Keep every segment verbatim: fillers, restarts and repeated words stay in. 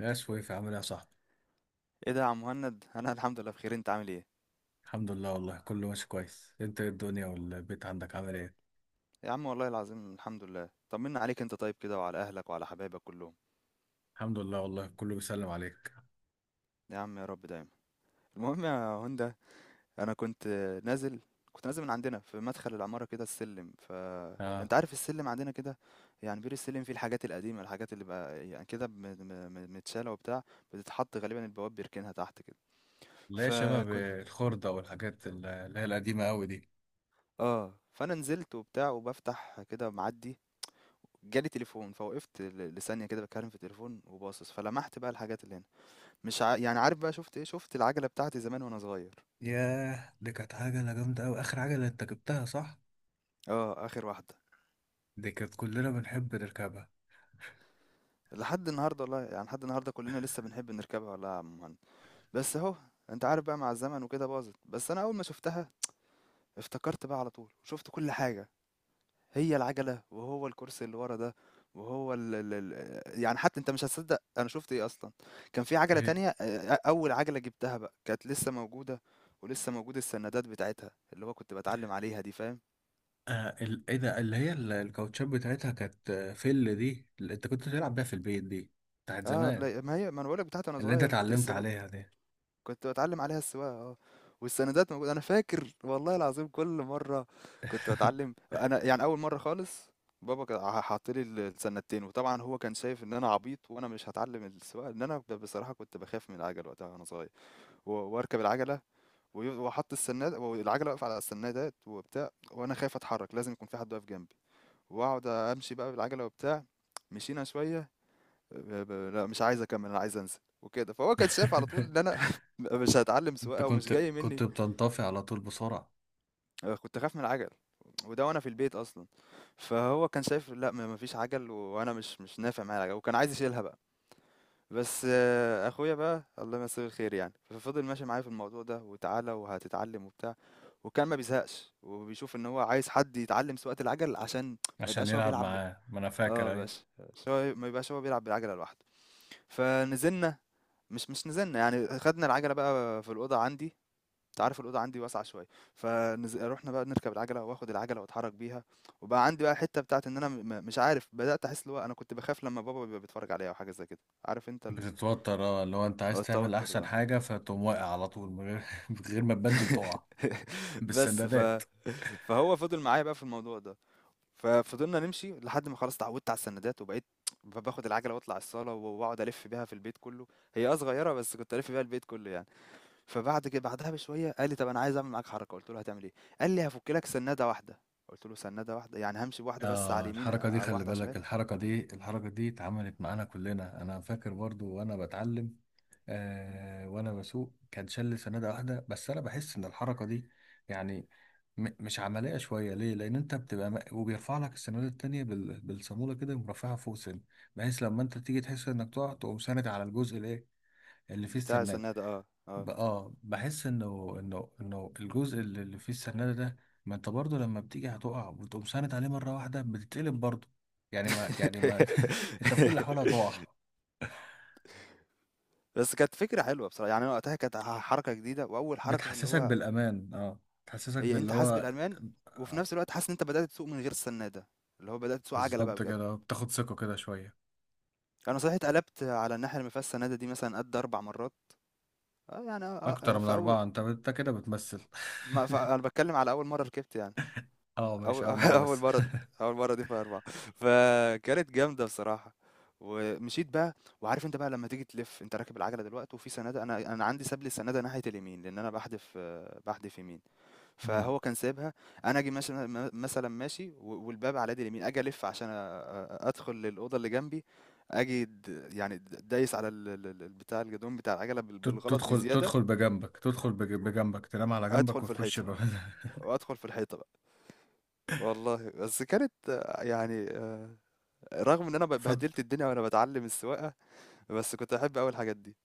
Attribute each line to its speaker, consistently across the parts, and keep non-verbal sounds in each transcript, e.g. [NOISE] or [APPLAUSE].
Speaker 1: يا شويف، عامل ايه يا صاحبي؟
Speaker 2: ايه ده يا عم مهند انا [LAUGHS] الحمد لله بخير، انت عامل ايه؟
Speaker 1: الحمد لله والله، كله ماشي كويس. انت ايه؟ الدنيا والبيت عندك عامل ايه؟
Speaker 2: يا عم، والله العظيم الحمد لله، طمنا عليك، انت طيب كده وعلى اهلك وعلى حبايبك كلهم.
Speaker 1: الحمد لله والله، كله بيسلم عليك.
Speaker 2: يا عم يا رب دايما. المهم يا هندا، انا كنت نازل كنت نازل من عندنا في مدخل العمارة كده، السلم،
Speaker 1: اه.
Speaker 2: فانت عارف السلم عندنا كده. يعني بير السلم فيه الحاجات القديمة، الحاجات اللي بقى يعني كده م- م- م- متشالة وبتاع، بتتحط غالبا البواب بيركنها تحت كده.
Speaker 1: لا، شباب
Speaker 2: فكنت
Speaker 1: الخردة والحاجات ال- اللي هي القديمة قوي دي.
Speaker 2: اه فانا نزلت وبتاع وبفتح كده معدي، جالي تليفون فوقفت ل- لثانية كده بتكلم في التليفون وباصص، فلمحت بقى الحاجات اللي هنا. مش ع... يعني عارف بقى شفت ايه؟ شفت العجلة بتاعتي زمان وانا صغير.
Speaker 1: ياه، دي كانت عجلة جامدة قوي، اخر عجلة انت جبتها، صح؟
Speaker 2: اه اخر واحدة.
Speaker 1: دي كانت كلنا بنحب نركبها.
Speaker 2: لحد النهاردة والله، يعني لحد النهاردة كلنا لسه بنحب نركبها والله يا عم مهند. بس اهو انت عارف بقى، مع الزمن وكده باظت، بس انا اول ما شفتها افتكرت بقى على طول وشفت كل حاجة. هي العجلة، وهو الكرسي اللي ورا ده، وهو ال ال ال يعني حتى انت مش هتصدق انا شفت ايه اصلا. كان في عجلة
Speaker 1: ايه؟
Speaker 2: تانية، آه، اول عجلة جبتها بقى كانت لسه موجودة، ولسه موجود السندات بتاعتها، اللي هو كنت بتعلم عليها دي، فاهم؟
Speaker 1: آه، ال... ايه ده؟ اللي هي ال- الكاوتشات بتاعتها كانت، آه، فل، دي اللي انت كنت تلعب بيها في البيت دي. بتاعت
Speaker 2: اه
Speaker 1: زمان.
Speaker 2: لا، ما هي ما انا بقولك بتاعتي انا
Speaker 1: اللي انت
Speaker 2: صغير كنت
Speaker 1: اتعلمت
Speaker 2: لسه
Speaker 1: عليها دي.
Speaker 2: كنت باتعلم عليها السواقة، آه، والسندات موجودة، أنا فاكر والله العظيم. كل مرة كنت باتعلم أنا، يعني أول مرة خالص، بابا كان ح- حاط لي ال- السنتين، وطبعا هو كان شايف ان انا عبيط وانا مش هتعلم السواقه. ان انا، ب- بصراحه كنت بخاف من العجل وقتها وانا صغير، و- واركب العجله وي- واحط السناد والعجله واقفه على السنادات وبتاع، وانا خايف اتحرك، لازم يكون في حد واقف جنبي. واقعد امشي بقى بالعجله وبتاع. مشينا شويه، ب- ب- لا مش عايز اكمل، انا عايز انزل وكده. فهو كان شايف على طول ان
Speaker 1: [LAUGHS]
Speaker 2: انا [LAUGHS] مش هتعلم
Speaker 1: انت
Speaker 2: سواقه ومش
Speaker 1: كنت
Speaker 2: جاي
Speaker 1: كنت
Speaker 2: مني.
Speaker 1: بتنطفي على طول بسرعة.
Speaker 2: آه، كنت اخاف من العجل، وده وانا في البيت اصلا. فهو كان شايف لا، ما ما فيش عجل و- وانا مش مش نافع معايا العجل، وكان عايز يشيلها بقى. بس آه، اخويا بقى الله يمسيه الخير يعني، ففضل ماشي معايا في الموضوع ده، وتعالى وهتتعلم وبتاع، وكان ما بيزهقش، وبيشوف ان هو عايز حد يتعلم سواقة العجل عشان ما
Speaker 1: عشان
Speaker 2: يبقاش هو
Speaker 1: يلعب
Speaker 2: بيلعب ب-
Speaker 1: معاه، ما انا
Speaker 2: اه
Speaker 1: فاكر. ايوه.
Speaker 2: بس، بس هو ما يبقاش هو بيلعب بالعجلة لوحده. فنزلنا، مش مش نزلنا يعني، خدنا العجلة بقى في الأوضة عندي، انت عارف الأوضة عندي واسعة شوية. فروحنا بقى نركب العجلة، واخد العجلة واتحرك بيها، وبقى عندي بقى حتة بتاعت ان انا م- مش عارف، بدأت احس اللي هو انا كنت بخاف لما بابا بيبقى بيتفرج عليا او حاجة زي كده. عارف انت ال-
Speaker 1: بتتوتر، اه، اللي هو انت
Speaker 2: هو
Speaker 1: عايز تعمل
Speaker 2: التوتر
Speaker 1: احسن
Speaker 2: ده.
Speaker 1: حاجه، فتقوم واقع على طول من غير [LAUGHS] من غير ما تبدل تقع.
Speaker 2: [LAUGHS] بس
Speaker 1: بالسندادات.
Speaker 2: ف فهو فضل معايا بقى في الموضوع ده. ففضلنا نمشي لحد ما خلاص اتعودت على السندات، وبقيت ب- باخد العجلة واطلع الصالة واقعد الف بيها في البيت كله. هي اه صغيرة، بس كنت الف بيها البيت كله يعني. فبعد كده بعدها بشوية قال لي: "طب أنا عايز أعمل معاك حركة." قُلت له: "هتعمل إيه؟" قال لي: "هافُك لك سنّادة واحدة." قُلت له: "سنّادة واحدة؟ يعني هامشي بواحدة بس على
Speaker 1: اه،
Speaker 2: اليمين
Speaker 1: الحركه دي
Speaker 2: أو
Speaker 1: خلي
Speaker 2: واحدة على
Speaker 1: بالك،
Speaker 2: الشمال؟"
Speaker 1: الحركه دي الحركه دي اتعملت معانا كلنا. انا فاكر برضو وانا بتعلم. آه، وانا بسوق كان شل سناده واحده. بس انا بحس ان الحركه دي، يعني، م مش عمليه شويه. ليه؟ لان انت بتبقى، م- وبيرفع لك السناده التانيه بال بالصاموله كده، يقوم رافعها فوق سن. بحيث لما انت تيجي تحس انك تقع، تقوم ساند على الجزء الايه، اللي فيه
Speaker 2: بتاع
Speaker 1: السرناد.
Speaker 2: السنّادة، آه،
Speaker 1: ب-
Speaker 2: آه.
Speaker 1: اه بحس انه انه انه الجزء اللي اللي فيه السرناد ده. ما انت برضه لما بتيجي هتقع، وتقوم ساند عليه مره واحده بتتقلب برضه. يعني ما يعني ما [LAUGHS] انت في كل الاحوال هتقع.
Speaker 2: [LAUGHS] بس كانت فكرة حلوة بصراحة، يعني أنا وقتها كانت ح حركة جديدة وأول حركة في اللي
Speaker 1: بتحسسك
Speaker 2: هو
Speaker 1: بالامان، اه، بتحسسك
Speaker 2: هي
Speaker 1: باللي
Speaker 2: أنت حاسس
Speaker 1: هو.
Speaker 2: بالأمان، وفي
Speaker 1: آه.
Speaker 2: نفس الوقت حاسس إن أنت بدأت تسوق من غير السنّادة، اللي هو بدأت تسوق عَجَلة بقى
Speaker 1: بالظبط
Speaker 2: بجد.
Speaker 1: كده، بتاخد ثقه كده شويه.
Speaker 2: أنا صحيح اتقلبت على الناحية اللي ما فيهاش سنّادة دي مثلًا قد أربع مرّات، آه، يعني آه، آه،
Speaker 1: اكتر من
Speaker 2: في أول،
Speaker 1: اربعه، انت انت كده بتمثل. [LAUGHS]
Speaker 2: ما ف أنا باتكلّم على أول مرّة ركبت يعني.
Speaker 1: اه ماشي،
Speaker 2: أول
Speaker 1: اول
Speaker 2: [LAUGHS]
Speaker 1: مره
Speaker 2: أول
Speaker 1: بس.
Speaker 2: مرة دي، أول مرة دي فيها أربعة، فكانت جامدة بصراحة. ومشيت بقى، وعارف أنت بقى لمّا تيجي تلِف، أنت راكب العجلة دلوقتي وفي سنادة، أنا أنا عندي ساب لي السنادة ناحية اليمين، لإن أنا باحدف، باحدف يمين،
Speaker 1: مم.
Speaker 2: فهو كان سايبها. أنا آجي ماشي م مثلًا ماشي و والباب على يدي اليمين، آجي ألِف عشان أ أ- أدخل للأوضة اللي جنبي، آجي د يعني د دايس على ال ال ال البتاع، الجدران بتاع العجلة بال
Speaker 1: [LAUGHS] تد-
Speaker 2: بالغلط
Speaker 1: تدخل
Speaker 2: بزيادة،
Speaker 1: تدخل بجنبك، تدخل بج- بجنبك، تنام على جنبك
Speaker 2: أدخل في
Speaker 1: وتخش
Speaker 2: الحيطة
Speaker 1: ب-
Speaker 2: وأدخل في الحيطة بقى. والله بس كانت آه، يعني آه، رغم إن أنا
Speaker 1: [LAUGHS]
Speaker 2: ب
Speaker 1: فت...
Speaker 2: بهدلت الدنيا وأنا باتعلّم السواقة، بس كنت باحب أوي الحاجات دي.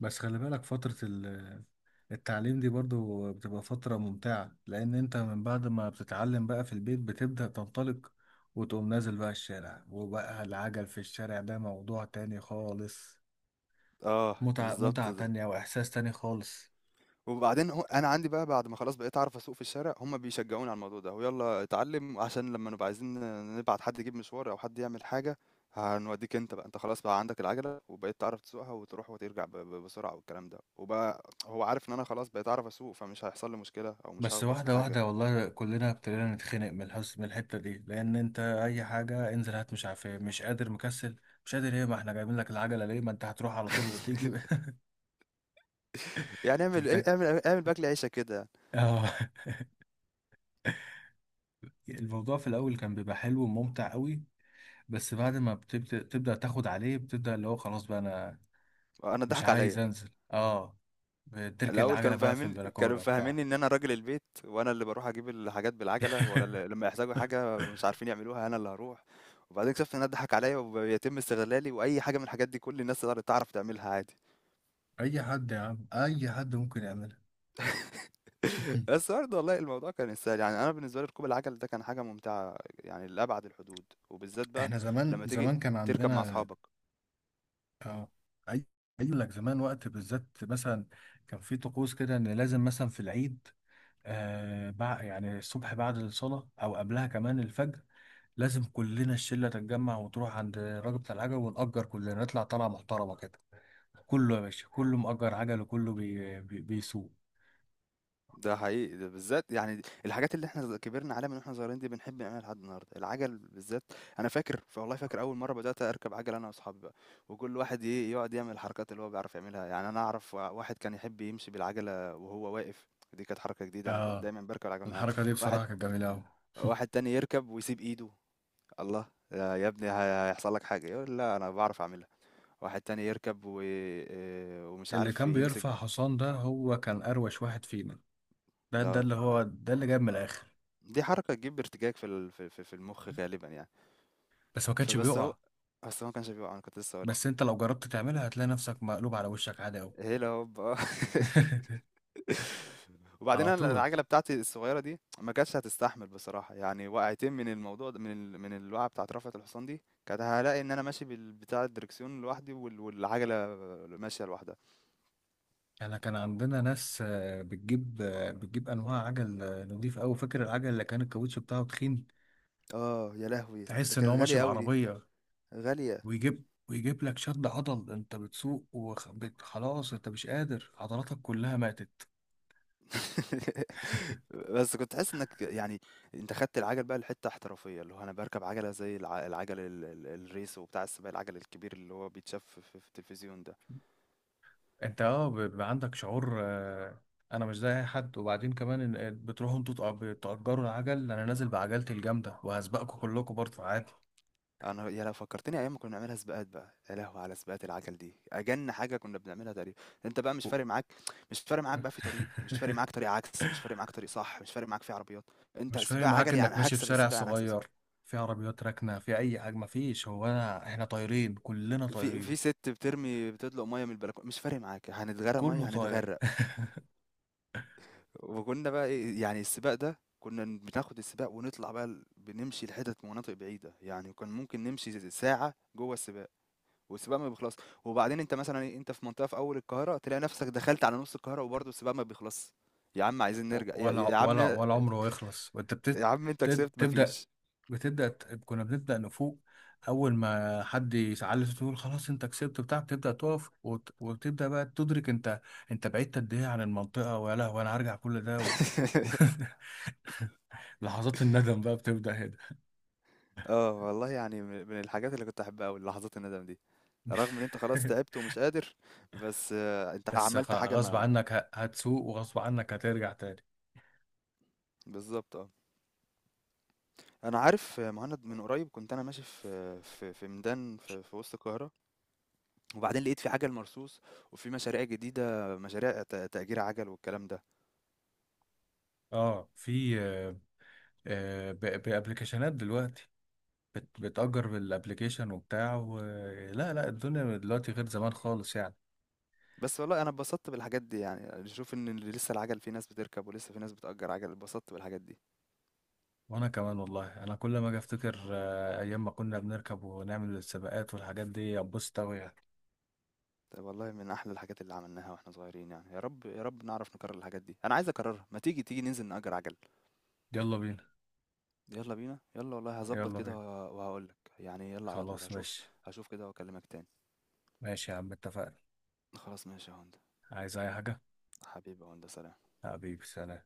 Speaker 1: بس خلي بالك، فترة ال التعليم دي برضو بتبقى فترة ممتعة، لأن أنت من بعد ما بتتعلم بقى في البيت بتبدأ تنطلق، وتقوم نازل بقى الشارع، وبقى العجل في الشارع ده موضوع تاني خالص.
Speaker 2: آه،
Speaker 1: متعة،
Speaker 2: بالضبط
Speaker 1: متعة
Speaker 2: ده.
Speaker 1: تانية، وإحساس تاني خالص.
Speaker 2: وبعدين هو أنا عندي بقى بعد ما خلاص بقيت أعرف أسوق في الشارع، هم بيشجعوني على الموضوع ده، ويالّا اتعلّم عشان لمّا نبقى عايزين نبعت حد يجيب مشوار أو حد يعمل حاجة، هنودّيك أنت بقى، أنت خلاص بقى عندك العجلة وبقيت تعرف تسوقها وتروح وترجع ب ب بسرعة والكلام ده. وبقى هو عارف إن أنا خلاص بقيت أعرف أسوق، فمش هيحصل لي مشكلة أو مش
Speaker 1: بس
Speaker 2: هاخبط في
Speaker 1: واحدة
Speaker 2: حاجة.
Speaker 1: واحدة، والله كلنا ابتدينا نتخنق من الحس، من الحتة دي. لأن أنت أي حاجة، انزل هات، مش عارف إيه، مش قادر، مكسل، مش قادر إيه. ما إحنا جايبين لك العجلة ليه؟ ما أنت هتروح على طول وتيجي.
Speaker 2: [LAUGHS] يعني
Speaker 1: [LAUGHS]
Speaker 2: اعمل إيه،
Speaker 1: تبدأ،
Speaker 2: اعمل اعمل باكل عيشك كده يعني.
Speaker 1: آه، الموضوع في الأول كان بيبقى حلو وممتع أوي. بس بعد ما بتبدأ، تبدأ تاخد عليه، بتبدأ اللي هو خلاص بقى أنا
Speaker 2: أنا
Speaker 1: مش
Speaker 2: اتضحك
Speaker 1: عايز
Speaker 2: عليّا.
Speaker 1: أنزل. اه، بتركن
Speaker 2: الأول
Speaker 1: العجلة
Speaker 2: كانوا
Speaker 1: بقى في
Speaker 2: مفهمين كانوا
Speaker 1: البلكونة وبتاع.
Speaker 2: مفهمينّي إن أنا راجل البيت، وأنا اللي باروح أجيب الحاجات بالعجلة، ولا ل-
Speaker 1: [LAUGHS]
Speaker 2: لمّا يحتاجوا حاجة مش عارفين يعملوها أنا اللي هاروح. وبعدين اكتشفت إن أنا اتضحك عليَّ وبيتم استغلالي، وأي حاجة من الحاجات دي كل الناس تقدر تعرف تعملها عادي.
Speaker 1: اي حد يا عم، اي حد ممكن يعملها.
Speaker 2: [LAUGHS]
Speaker 1: [LAUGHS]
Speaker 2: بس برضه والله الموضوع كان يستاهل، يعني أنا بالنسبة لي ركوب العجل ده كان حاجة ممتعة يعني لأبعد الحدود، وبالذات بقى
Speaker 1: احنا زمان
Speaker 2: لمّا تيجي
Speaker 1: زمان كان
Speaker 2: تركب مع
Speaker 1: عندنا.
Speaker 2: أصحابك.
Speaker 1: اه، اي، اقول لك زمان وقت بالذات، مثلا كان في طقوس كده، ان لازم مثلا في العيد، آه بع... يعني الصبح بعد الصلاة، او قبلها كمان الفجر، لازم كلنا الشلة تتجمع وتروح عند الراجل بتاع العجل، ونأجر كلنا، نطلع طلعة محترمة كده. كله يا باشا، كله مأجر عجل، وكله بي... بي... بيسوق.
Speaker 2: ده حقيقي، ده بالذات يعني دي- الحاجات اللي إحنا ز كبرنا عليها من وإحنا صغيرين دي بنحب نعملها لحد النهارده، العَجَل بالذات. أنا فاكر ف والله فاكر أول مرّة بدأت أركب عَجَل أنا وأصحابي بقى، وكل واحد إيه، يقعد يعمل الحركات اللي هو بيعرف يعملها، يعني أنا أعرف وا واحد كان يحب يمشي بالعَجَلة وهو واقف، دي كانت حركة جديدة، أنا كنت
Speaker 1: اه،
Speaker 2: دايمًا باركب العَجَلة وأنا قاعد.
Speaker 1: الحركة دي
Speaker 2: واحد
Speaker 1: بصراحة كانت جميلة أوي.
Speaker 2: واحد تاني يركب ويسيب إيده، الله! يا يا ابني ه هيحصل لك حاجة، يقول لأ أنا باعرف أعملها. واحد تاني يركب و آآ ومش
Speaker 1: اللي
Speaker 2: عارف
Speaker 1: كان
Speaker 2: يمسك،
Speaker 1: بيرفع حصان ده هو كان أروش واحد فينا. ده ده،
Speaker 2: آه.
Speaker 1: اللي هو ده اللي جايب من الآخر.
Speaker 2: دي حركة تجيب ارتجاج في ال في في في المُخ غالبًا يعني.
Speaker 1: بس ما كانش
Speaker 2: فبس هو
Speaker 1: بيقع.
Speaker 2: أصل هو ما كانش بيوقع، أنا كنت لسه هاقول لك.
Speaker 1: بس أنت لو جربت تعملها، هتلاقي نفسك مقلوب على وشك عادي أوي.
Speaker 2: هيلا هوب، آه.
Speaker 1: [LAUGHS]
Speaker 2: [LAUGHS] وبعدين
Speaker 1: على
Speaker 2: أنا
Speaker 1: طول.
Speaker 2: العجلة بتاعتي الصغيرة دي ما كانتش هتستحمل بصراحة، يعني وقعتين من الموضوع ده، من ال من الوقعة بتاعة رفعة الحصان دي، كانت هالاقي إن أنا ماشي بال بتاع الدركسيون لوحدي وال والعجلة ماشية لوحدها.
Speaker 1: احنا كان عندنا ناس، آه، بتجيب آه، بتجيب أنواع عجل، آه، نضيف أوي. فاكر العجل اللي كان الكاوتش بتاعه تخين،
Speaker 2: آه، يا لهوي! ده
Speaker 1: تحس إن هو
Speaker 2: كانت
Speaker 1: ماشي
Speaker 2: غالية أوي دي،
Speaker 1: بعربية.
Speaker 2: غالية.
Speaker 1: ويجيب ويجيب لك شد عضل، انت بتسوق وخلاص، انت مش قادر، عضلاتك كلها ماتت.
Speaker 2: [LAUGHS] بس كنت حاسس إنك يعني أنت خدت العجل بقى لحتة احترافية، اللي هو أنا باركب عجلة زي الع العجل ال ال الRace وبتاع السباق، العجل الكبير اللي هو بيتشاف في في التلفزيون ده.
Speaker 1: انت، اه، بيبقى عندك شعور، آه، انا مش زي اي حد. وبعدين كمان إن- آه، بتروحوا انتوا، تأ- بتأجروا العجل، انا نازل بعجلتي الجامدة وهسبقكم كلكم برضه عادي.
Speaker 2: أنا يا لهوي فكّرتني أيام ما كنا بنعملها سباقات بقى، يا لهوي على سباقات العجل دي، أجَن حاجة كنا بنعملها تقريبًا. أنت بقى مش فارق معاك مش فارق معاك بقى في طريق، مش فارق معاك
Speaker 1: [LAUGHS]
Speaker 2: طريق عكس، مش فارق معاك طريق صح، مش فارق معاك في عربيات، أنت
Speaker 1: مش فارق
Speaker 2: سباق
Speaker 1: معاك
Speaker 2: عجل يعني،
Speaker 1: انك ماشي في
Speaker 2: هاكسب
Speaker 1: شارع
Speaker 2: السباق، أنا هاكسب السباق.
Speaker 1: صغير، في عربيات راكنة، في اي حاجة، مفيش. هو انا، احنا طايرين، كلنا
Speaker 2: في
Speaker 1: طايرين.
Speaker 2: في سِت بترمي بتطلق مَيّة من البلكونة، مش فارق معاك، هنتغرق
Speaker 1: كله
Speaker 2: مَيّة،
Speaker 1: طاير.
Speaker 2: هنتغرق.
Speaker 1: [LAUGHS]
Speaker 2: وكنا بقى إيه يعني، السباق ده كنا بناخد السباق ونطلع بقى ال- بنمشي لحتت مناطق بعيدة، يعني كان ممكن نمشي زي- ساعة جوه السباق، والسباق ما بيخلص. وبعدين انت مثلا إيه، انت في منطقة في اول القاهرة تلاقي نفسك دخلت على نص القاهرة وبرضه السباق ما بيخلص. يا عم عايزين
Speaker 1: و-
Speaker 2: نرجع يا,
Speaker 1: ولا
Speaker 2: يا عم،
Speaker 1: ولا ولا عمره يخلص، وانت بتت...
Speaker 2: يا عم انت
Speaker 1: بتت...
Speaker 2: كسبت،
Speaker 1: تبدأ،
Speaker 2: مفيش.
Speaker 1: بتبدا ت- كنا بنبدا نفوق. اول ما حد يسعل، تقول خلاص انت كسبت، بتاع، بتبدا تقف وت- وتبدا بقى تدرك انت انت بعدت قد ايه عن المنطقه. ويا لهوي، انا هرجع كل ده و... و...
Speaker 2: [LAUGHS]
Speaker 1: [LAUGHS] لحظات الندم بقى بتبدا هنا.
Speaker 2: اه والله يعني من من الحاجات اللي كنت احبها قوي لحظات الندم دي، رغم ان انت خلاص
Speaker 1: [LAUGHS]
Speaker 2: تعبت ومش قادر، بس آه، انت
Speaker 1: بس
Speaker 2: عملت
Speaker 1: غ-
Speaker 2: حاجة،
Speaker 1: غصب
Speaker 2: ما ما-
Speaker 1: عنك ه- هتسوق، وغصب عنك هترجع تاني.
Speaker 2: بالظبط اه. أنا عارف آه، مهند من قريب كنت أنا ماشي في في في ميدان في في وسط القاهرة، وبعدين لقيت في عجل مرصوص، وفي مشاريع جديدة، مشاريع ت- تأجير عجل والكلام ده.
Speaker 1: اه، في، آه، آه، ب- بابليكيشنات دلوقتي، بت- بتأجر بالابليكيشن وبتاع و... لا لا، الدنيا دلوقتي غير زمان خالص يعني.
Speaker 2: بس والله أنا اتبسطت بالحاجات دي، يعني نشوف إن اللي لسه العجل في ناس بتركب ولسه في ناس بتأجر عجل، اتبسطت بالحاجات دي.
Speaker 1: وانا كمان والله، انا كل ما اجي افتكر، آه، ايام ما كنا بنركب ونعمل السباقات والحاجات دي، ابص قوي يعني.
Speaker 2: طب والله من أحلى الحاجات اللي عملناها وإحنا صغيرين، يعني يا رب يا رب نعرف نكرر الحاجات دي، أنا عايز أكررها، ما تيجي تيجي ننزل نأجر عجل.
Speaker 1: يلا بينا.
Speaker 2: يلا بينا، يلا والله هظبط
Speaker 1: يلا
Speaker 2: كده
Speaker 1: بينا،
Speaker 2: وه- وهقولك، يعني يلا على طول
Speaker 1: خلاص
Speaker 2: هشوف.
Speaker 1: ماشي.
Speaker 2: هشوف كده وأكلمك تاني.
Speaker 1: ماشي يا عم، اتفقنا.
Speaker 2: خلاص ماشي يا هوندا،
Speaker 1: عايز اي حاجة؟
Speaker 2: حبيبي يا هوندا، سلام.
Speaker 1: حبيبي سلام.